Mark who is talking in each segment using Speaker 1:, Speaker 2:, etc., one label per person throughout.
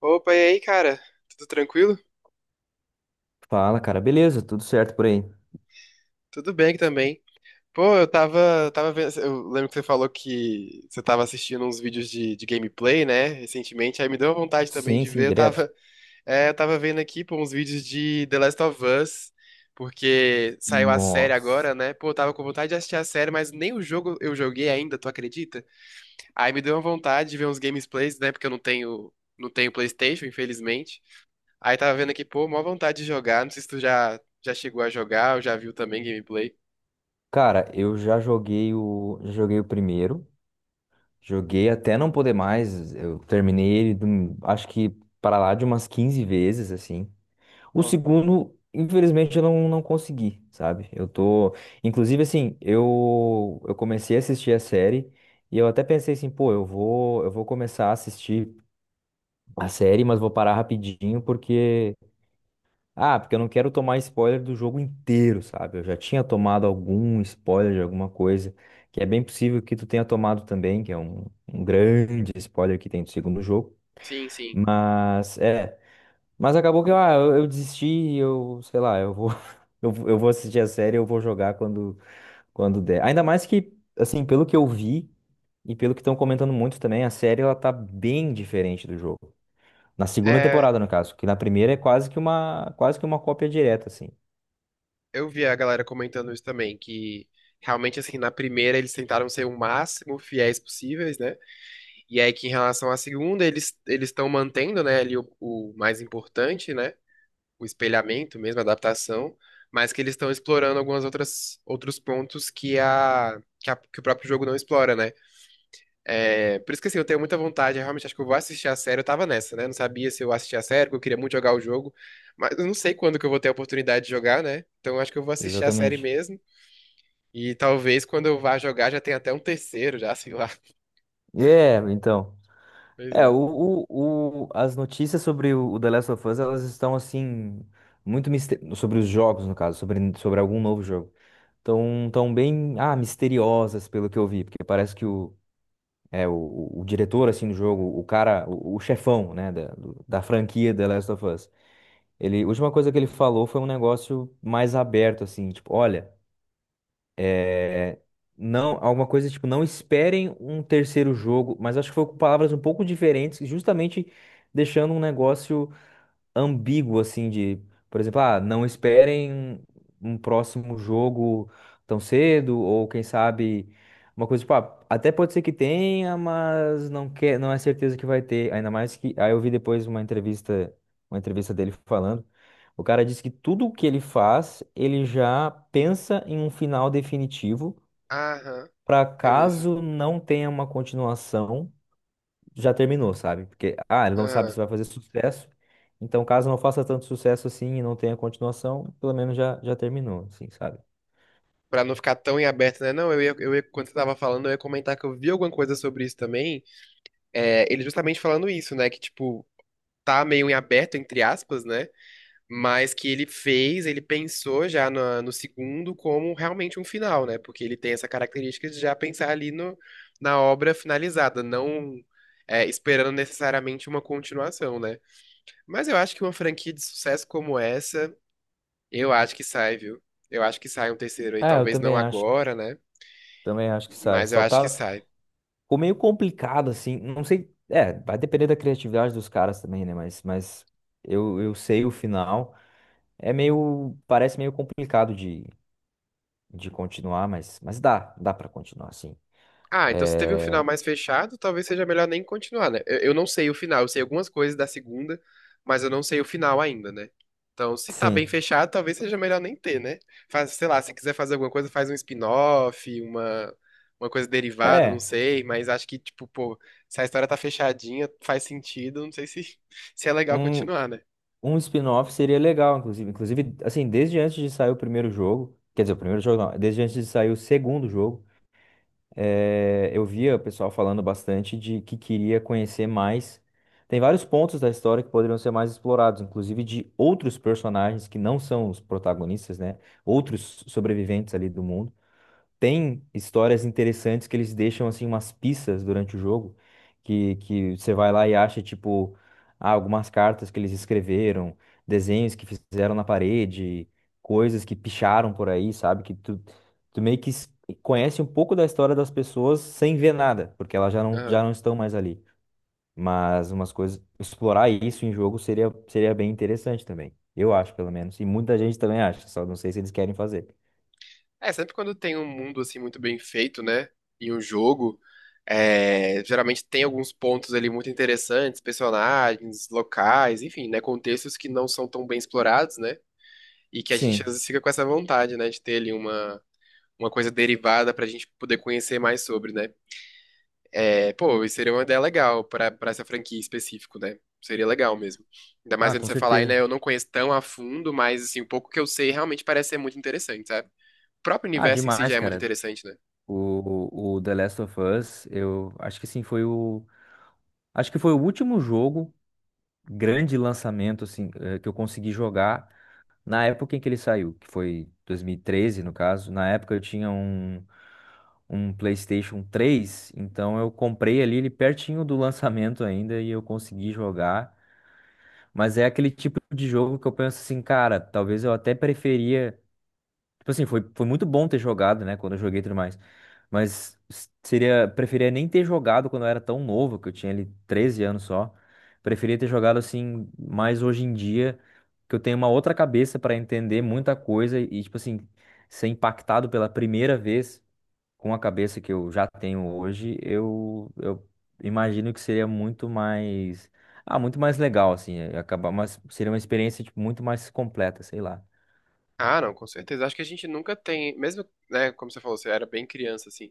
Speaker 1: Opa, e aí, cara? Tudo tranquilo?
Speaker 2: Fala, cara. Beleza, tudo certo por aí?
Speaker 1: Tudo bem aqui também. Pô, eu tava vendo, eu lembro que você falou que você tava assistindo uns vídeos de gameplay, né, recentemente, aí me deu vontade também
Speaker 2: Sim,
Speaker 1: de
Speaker 2: sim,
Speaker 1: ver,
Speaker 2: direto.
Speaker 1: é, eu tava vendo aqui, pô, uns vídeos de The Last of Us, porque saiu a série
Speaker 2: Nossa.
Speaker 1: agora, né, pô, eu tava com vontade de assistir a série, mas nem o jogo eu joguei ainda, tu acredita? Aí me deu uma vontade de ver uns gameplays, né, porque eu não tenho PlayStation, infelizmente. Aí tava vendo aqui, pô, mó vontade de jogar. Não sei se tu já chegou a jogar ou já viu também gameplay.
Speaker 2: Cara, eu já joguei o primeiro. Joguei até não poder mais. Eu terminei ele, acho que para lá de umas 15 vezes, assim. O
Speaker 1: Ó,
Speaker 2: segundo, infelizmente, eu não, não consegui, sabe? Eu tô. Inclusive, assim, eu comecei a assistir a série e eu até pensei assim, pô, eu vou começar a assistir a série, mas vou parar rapidinho porque. Ah, porque eu não quero tomar spoiler do jogo inteiro, sabe? Eu já tinha tomado algum spoiler de alguma coisa, que é bem possível que tu tenha tomado também, que é um grande spoiler que tem do segundo jogo.
Speaker 1: sim, sim.
Speaker 2: Mas, é. Mas acabou que eu desisti, e eu, sei lá, eu vou, eu vou assistir a série, eu vou jogar quando, quando der. Ainda mais que, assim, pelo que eu vi e pelo que estão comentando muito também, a série ela tá bem diferente do jogo. Na segunda
Speaker 1: É,
Speaker 2: temporada, no caso, que na primeira é quase que uma cópia direta, assim.
Speaker 1: eu vi a galera comentando isso também, que realmente, assim, na primeira eles tentaram ser o máximo fiéis possíveis, né? E aí que em relação à segunda, eles estão mantendo, né, ali o mais importante, né? O espelhamento mesmo, a adaptação. Mas que eles estão explorando algumas outras outros pontos que o próprio jogo não explora, né? É, por isso que assim, eu tenho muita vontade, eu realmente acho que eu vou assistir a série. Eu tava nessa, né? Não sabia se eu assistia a série, porque eu queria muito jogar o jogo. Mas eu não sei quando que eu vou ter a oportunidade de jogar, né? Então eu acho que eu vou assistir a série
Speaker 2: Exatamente.
Speaker 1: mesmo. E talvez quando eu vá jogar já tenha até um terceiro, já, sei lá.
Speaker 2: É, então.
Speaker 1: Pois
Speaker 2: É,
Speaker 1: é.
Speaker 2: as notícias sobre o The Last of Us, elas estão assim, muito mister... sobre os jogos, no caso, sobre, sobre algum novo jogo. Estão tão bem, misteriosas, pelo que eu vi, porque parece que o diretor, assim, do jogo, o cara, o chefão, né, da franquia The Last of Us, ele, a última coisa que ele falou foi um negócio mais aberto, assim, tipo, olha. É, não, alguma coisa tipo, não esperem um terceiro jogo, mas acho que foi com palavras um pouco diferentes, justamente deixando um negócio ambíguo, assim, de, por exemplo, não esperem um próximo jogo tão cedo, ou quem sabe, uma coisa, tipo, ah, até pode ser que tenha, mas não quer, não é certeza que vai ter, ainda mais que, aí eu vi depois uma entrevista dele falando, o cara disse que tudo o que ele faz, ele já pensa em um final definitivo,
Speaker 1: Aham,
Speaker 2: para
Speaker 1: eu vi isso.
Speaker 2: caso não tenha uma continuação, já terminou, sabe? Porque, ah, ele não sabe
Speaker 1: Aham.
Speaker 2: se vai fazer sucesso. Então, caso não faça tanto sucesso assim e não tenha continuação, pelo menos já, já terminou, assim, sabe?
Speaker 1: Pra não ficar tão em aberto, né? Não, eu ia, quando você tava falando, eu ia comentar que eu vi alguma coisa sobre isso também. É, ele justamente falando isso, né? Que, tipo, tá meio em aberto, entre aspas, né? Mas que ele pensou já no segundo como realmente um final, né? Porque ele tem essa característica de já pensar ali na obra finalizada, não é, esperando necessariamente uma continuação, né? Mas eu acho que uma franquia de sucesso como essa, eu acho que sai, viu? Eu acho que sai um terceiro aí,
Speaker 2: Ah, eu
Speaker 1: talvez não agora, né?
Speaker 2: também acho que sai.
Speaker 1: Mas eu
Speaker 2: Só
Speaker 1: acho que
Speaker 2: tá,
Speaker 1: sai.
Speaker 2: ficou meio complicado, assim, não sei, é, vai depender da criatividade dos caras também, né? Mas eu sei o final. É meio, parece meio complicado de continuar, mas dá, dá pra continuar, sim.
Speaker 1: Ah, então se teve um final
Speaker 2: É,
Speaker 1: mais fechado, talvez seja melhor nem continuar, né? Eu não sei o final, eu sei algumas coisas da segunda, mas eu não sei o final ainda, né? Então, se tá bem
Speaker 2: sim.
Speaker 1: fechado, talvez seja melhor nem ter, né? Faz, sei lá, se quiser fazer alguma coisa, faz um spin-off, uma coisa derivada, não
Speaker 2: É,
Speaker 1: sei, mas acho que, tipo, pô, se a história tá fechadinha, faz sentido, não sei se, se é legal
Speaker 2: um,
Speaker 1: continuar, né?
Speaker 2: Um spin-off seria legal, inclusive. Inclusive, assim, desde antes de sair o primeiro jogo, quer dizer, o primeiro jogo não, desde antes de sair o segundo jogo, eu via o pessoal falando bastante de que queria conhecer mais. Tem vários pontos da história que poderiam ser mais explorados, inclusive de outros personagens que não são os protagonistas, né? Outros sobreviventes ali do mundo tem histórias interessantes que eles deixam assim umas pistas durante o jogo que você vai lá e acha tipo ah, algumas cartas que eles escreveram, desenhos que fizeram na parede, coisas que picharam por aí, sabe? Que tu, tu meio que s- conhece um pouco da história das pessoas sem ver nada, porque elas já não estão mais ali. Mas umas coisas, explorar isso em jogo seria, seria bem interessante também. Eu acho, pelo menos. E muita gente também acha, só não sei se eles querem fazer.
Speaker 1: É, sempre quando tem um mundo assim muito bem feito, né? Em um jogo, é, geralmente tem alguns pontos ali muito interessantes, personagens, locais, enfim, né? Contextos que não são tão bem explorados, né? E que a gente às
Speaker 2: Sim.
Speaker 1: vezes fica com essa vontade, né? De ter ali uma coisa derivada pra gente poder conhecer mais sobre, né? É, pô, isso seria uma ideia legal pra essa franquia em específico, né? Seria legal mesmo. Ainda mais
Speaker 2: Ah,
Speaker 1: quando
Speaker 2: com
Speaker 1: você falar aí, né?
Speaker 2: certeza.
Speaker 1: Eu não conheço tão a fundo, mas assim, o pouco que eu sei realmente parece ser muito interessante, sabe? O próprio
Speaker 2: Ah,
Speaker 1: universo em si já
Speaker 2: demais,
Speaker 1: é muito
Speaker 2: cara.
Speaker 1: interessante, né?
Speaker 2: O The Last of Us, eu acho que assim foi o, acho que foi o último jogo grande lançamento assim que eu consegui jogar na época em que ele saiu, que foi 2013, no caso. Na época eu tinha um, um PlayStation três, então eu comprei ali ele pertinho do lançamento ainda e eu consegui jogar. Mas é aquele tipo de jogo que eu penso assim, cara, talvez eu até preferia Tipo assim, foi, foi muito bom ter jogado, né? Quando eu joguei e tudo mais. Mas seria, preferia nem ter jogado quando eu era tão novo, que eu tinha ali 13 anos só. Preferia ter jogado assim, mais hoje em dia, que eu tenho uma outra cabeça pra entender muita coisa e, tipo assim, ser impactado pela primeira vez com a cabeça que eu já tenho hoje, eu imagino que seria muito mais. Ah, muito mais legal, assim. Acabar, mas seria uma experiência, tipo, muito mais completa, sei lá.
Speaker 1: Ah, não, com certeza. Acho que a gente nunca tem, mesmo, né, como você falou, você era bem criança, assim.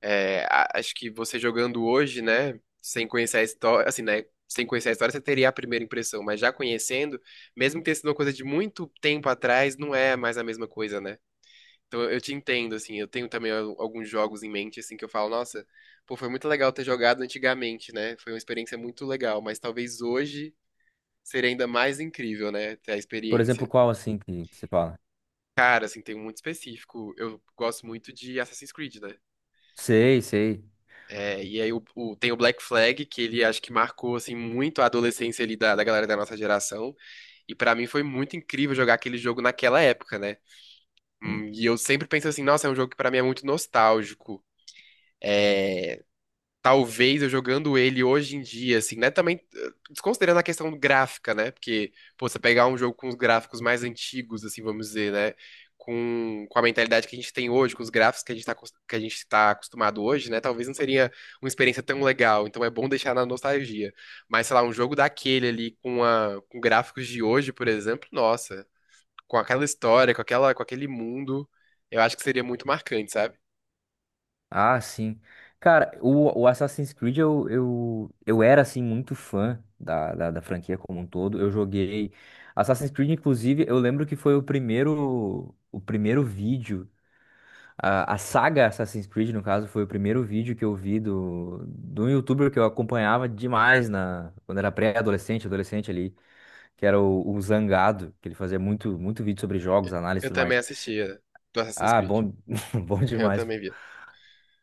Speaker 1: Acho que você jogando hoje, né, sem conhecer a história, assim, né, sem conhecer a história, você teria a primeira impressão, mas já conhecendo, mesmo que tenha sido uma coisa de muito tempo atrás, não é mais a mesma coisa, né? Então eu te entendo, assim, eu tenho também alguns jogos em mente, assim, que eu falo, nossa, pô, foi muito legal ter jogado antigamente, né? Foi uma experiência muito legal, mas talvez hoje seria ainda mais incrível, né, ter a
Speaker 2: Por exemplo,
Speaker 1: experiência.
Speaker 2: qual assim que você fala?
Speaker 1: Cara, assim, tem um muito específico. Eu gosto muito de Assassin's Creed, né?
Speaker 2: Sei, sei.
Speaker 1: É, e aí tem o Black Flag, que ele acho que marcou, assim, muito a adolescência ali da galera da nossa geração. E pra mim foi muito incrível jogar aquele jogo naquela época, né?
Speaker 2: Hum.
Speaker 1: E eu sempre penso assim, nossa, é um jogo que pra mim é muito nostálgico. É, talvez eu jogando ele hoje em dia, assim, né? Também desconsiderando a questão gráfica, né? Porque, pô, você pegar um jogo com os gráficos mais antigos, assim, vamos dizer, né? Com a mentalidade que a gente tem hoje, com os gráficos que a gente tá acostumado hoje, né? Talvez não seria uma experiência tão legal. Então é bom deixar na nostalgia. Mas, sei lá, um jogo daquele ali com gráficos de hoje, por exemplo, nossa, com aquela história, com aquele mundo, eu acho que seria muito marcante, sabe?
Speaker 2: Ah, sim. Cara, o Assassin's Creed eu era assim muito fã da franquia como um todo. Eu joguei Assassin's Creed, inclusive, eu lembro que foi o primeiro vídeo. A saga Assassin's Creed, no caso, foi o primeiro vídeo que eu vi do, do youtuber que eu acompanhava demais na, quando era pré-adolescente, adolescente ali, que era o Zangado, que ele fazia muito, muito vídeo sobre jogos, análise e
Speaker 1: Eu
Speaker 2: tudo
Speaker 1: também
Speaker 2: mais.
Speaker 1: assistia do Assassin's
Speaker 2: Ah,
Speaker 1: Creed.
Speaker 2: bom, bom
Speaker 1: Eu
Speaker 2: demais.
Speaker 1: também via.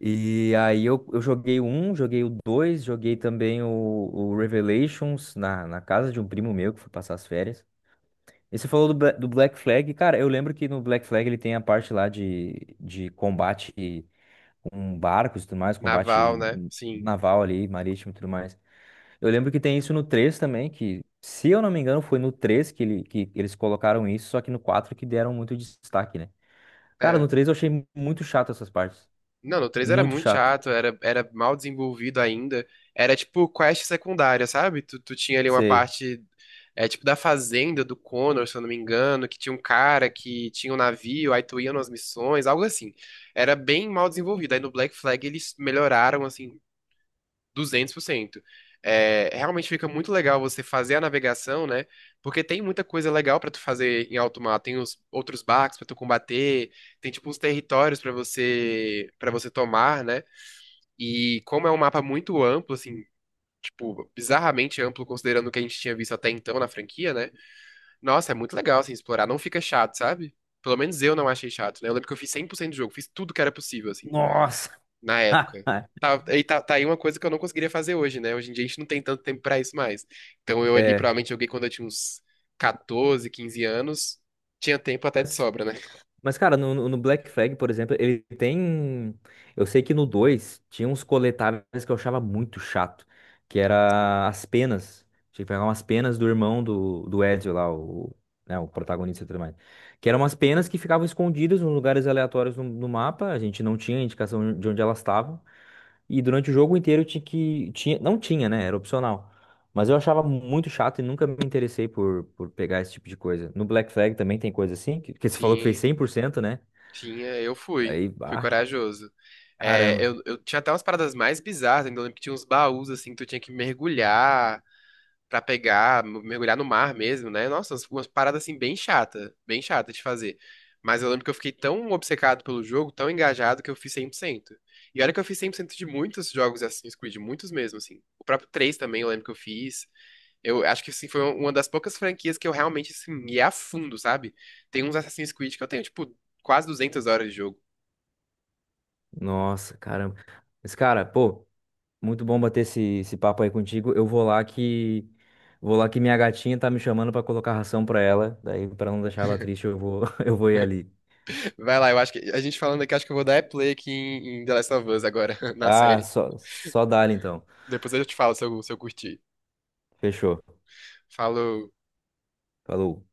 Speaker 2: E aí eu joguei o 1, joguei o 2, joguei também o Revelations na casa de um primo meu que foi passar as férias. E você falou do, do Black Flag. Cara, eu lembro que no Black Flag ele tem a parte lá de combate com barcos e tudo mais,
Speaker 1: Naval,
Speaker 2: combate
Speaker 1: né? Sim.
Speaker 2: naval ali, marítimo e tudo mais. Eu lembro que tem isso no 3 também, que se eu não me engano foi no 3 que, ele, que eles colocaram isso, só que no 4 que deram muito destaque, né? Cara,
Speaker 1: É.
Speaker 2: no 3 eu achei muito chato essas partes.
Speaker 1: Não, no três era
Speaker 2: Muito
Speaker 1: muito
Speaker 2: chato.
Speaker 1: chato, era mal desenvolvido ainda. Era tipo quest secundária, sabe? Tu tinha ali uma
Speaker 2: Sei.
Speaker 1: parte, é, tipo da fazenda do Connor, se eu não me engano, que tinha um cara que tinha um navio, aí tu ia nas missões, algo assim. Era bem mal desenvolvido. Aí no Black Flag eles melhoraram, assim, 200%. É, realmente fica muito legal você fazer a navegação, né? Porque tem muita coisa legal pra tu fazer em alto mar. Tem os outros barcos pra tu combater, tem tipo os territórios pra você para você tomar, né? E como é um mapa muito amplo, assim, tipo, bizarramente amplo considerando o que a gente tinha visto até então na franquia, né? Nossa, é muito legal assim explorar, não fica chato, sabe? Pelo menos eu não achei chato, né? Eu lembro que eu fiz 100% do jogo, fiz tudo que era possível, assim
Speaker 2: Nossa!
Speaker 1: na época. Tá, e tá aí uma coisa que eu não conseguiria fazer hoje, né? Hoje em dia a gente não tem tanto tempo pra isso mais. Então eu ali
Speaker 2: É.
Speaker 1: provavelmente joguei quando eu tinha uns 14 15 anos. Tinha tempo até de
Speaker 2: Mas,
Speaker 1: sobra, né?
Speaker 2: mas, cara, no Black Flag, por exemplo, ele tem. Eu sei que no 2 tinha uns coletáveis que eu achava muito chato, que
Speaker 1: Sim.
Speaker 2: era as penas. Tinha que pegar umas penas do irmão do Ezio lá, o, né, o protagonista e tudo mais. Que eram umas penas que ficavam escondidas em lugares aleatórios no mapa, a gente não tinha indicação de onde elas estavam. E durante o jogo inteiro eu tinha que. Tinha, não tinha, né? Era opcional. Mas eu achava muito chato e nunca me interessei por pegar esse tipo de coisa. No Black Flag também tem coisa assim, que você falou que fez
Speaker 1: Tinha,
Speaker 2: 100%, né?
Speaker 1: tinha, eu fui.
Speaker 2: Aí,
Speaker 1: Fui
Speaker 2: ah,
Speaker 1: corajoso. É,
Speaker 2: caramba.
Speaker 1: eu tinha até umas paradas mais bizarras, ainda lembro que tinha uns baús assim que tu tinha que mergulhar, pra pegar, mergulhar no mar mesmo, né? Nossa, umas paradas assim bem chata de fazer. Mas eu lembro que eu fiquei tão obcecado pelo jogo, tão engajado, que eu fiz 100%. E olha que eu fiz 100% de muitos jogos de Assassin's Creed, muitos mesmo, assim. O próprio 3 também eu lembro que eu fiz. Eu acho que, assim, foi uma das poucas franquias que eu realmente, assim, ia a fundo, sabe? Tem uns Assassin's Creed que eu tenho, tipo, quase 200 horas de jogo.
Speaker 2: Nossa, caramba. Mas, cara, pô, muito bom bater esse, esse papo aí contigo. Eu vou lá que. Vou lá que minha gatinha tá me chamando pra colocar ração pra ela. Daí, pra não deixar ela triste, eu vou, eu vou ir ali.
Speaker 1: Vai lá, eu acho que a gente falando aqui, acho que eu vou dar é play aqui em The Last of Us agora, na
Speaker 2: Ah,
Speaker 1: série.
Speaker 2: só, só dá então.
Speaker 1: Depois eu te falo se eu, curti.
Speaker 2: Fechou.
Speaker 1: Falou.
Speaker 2: Falou.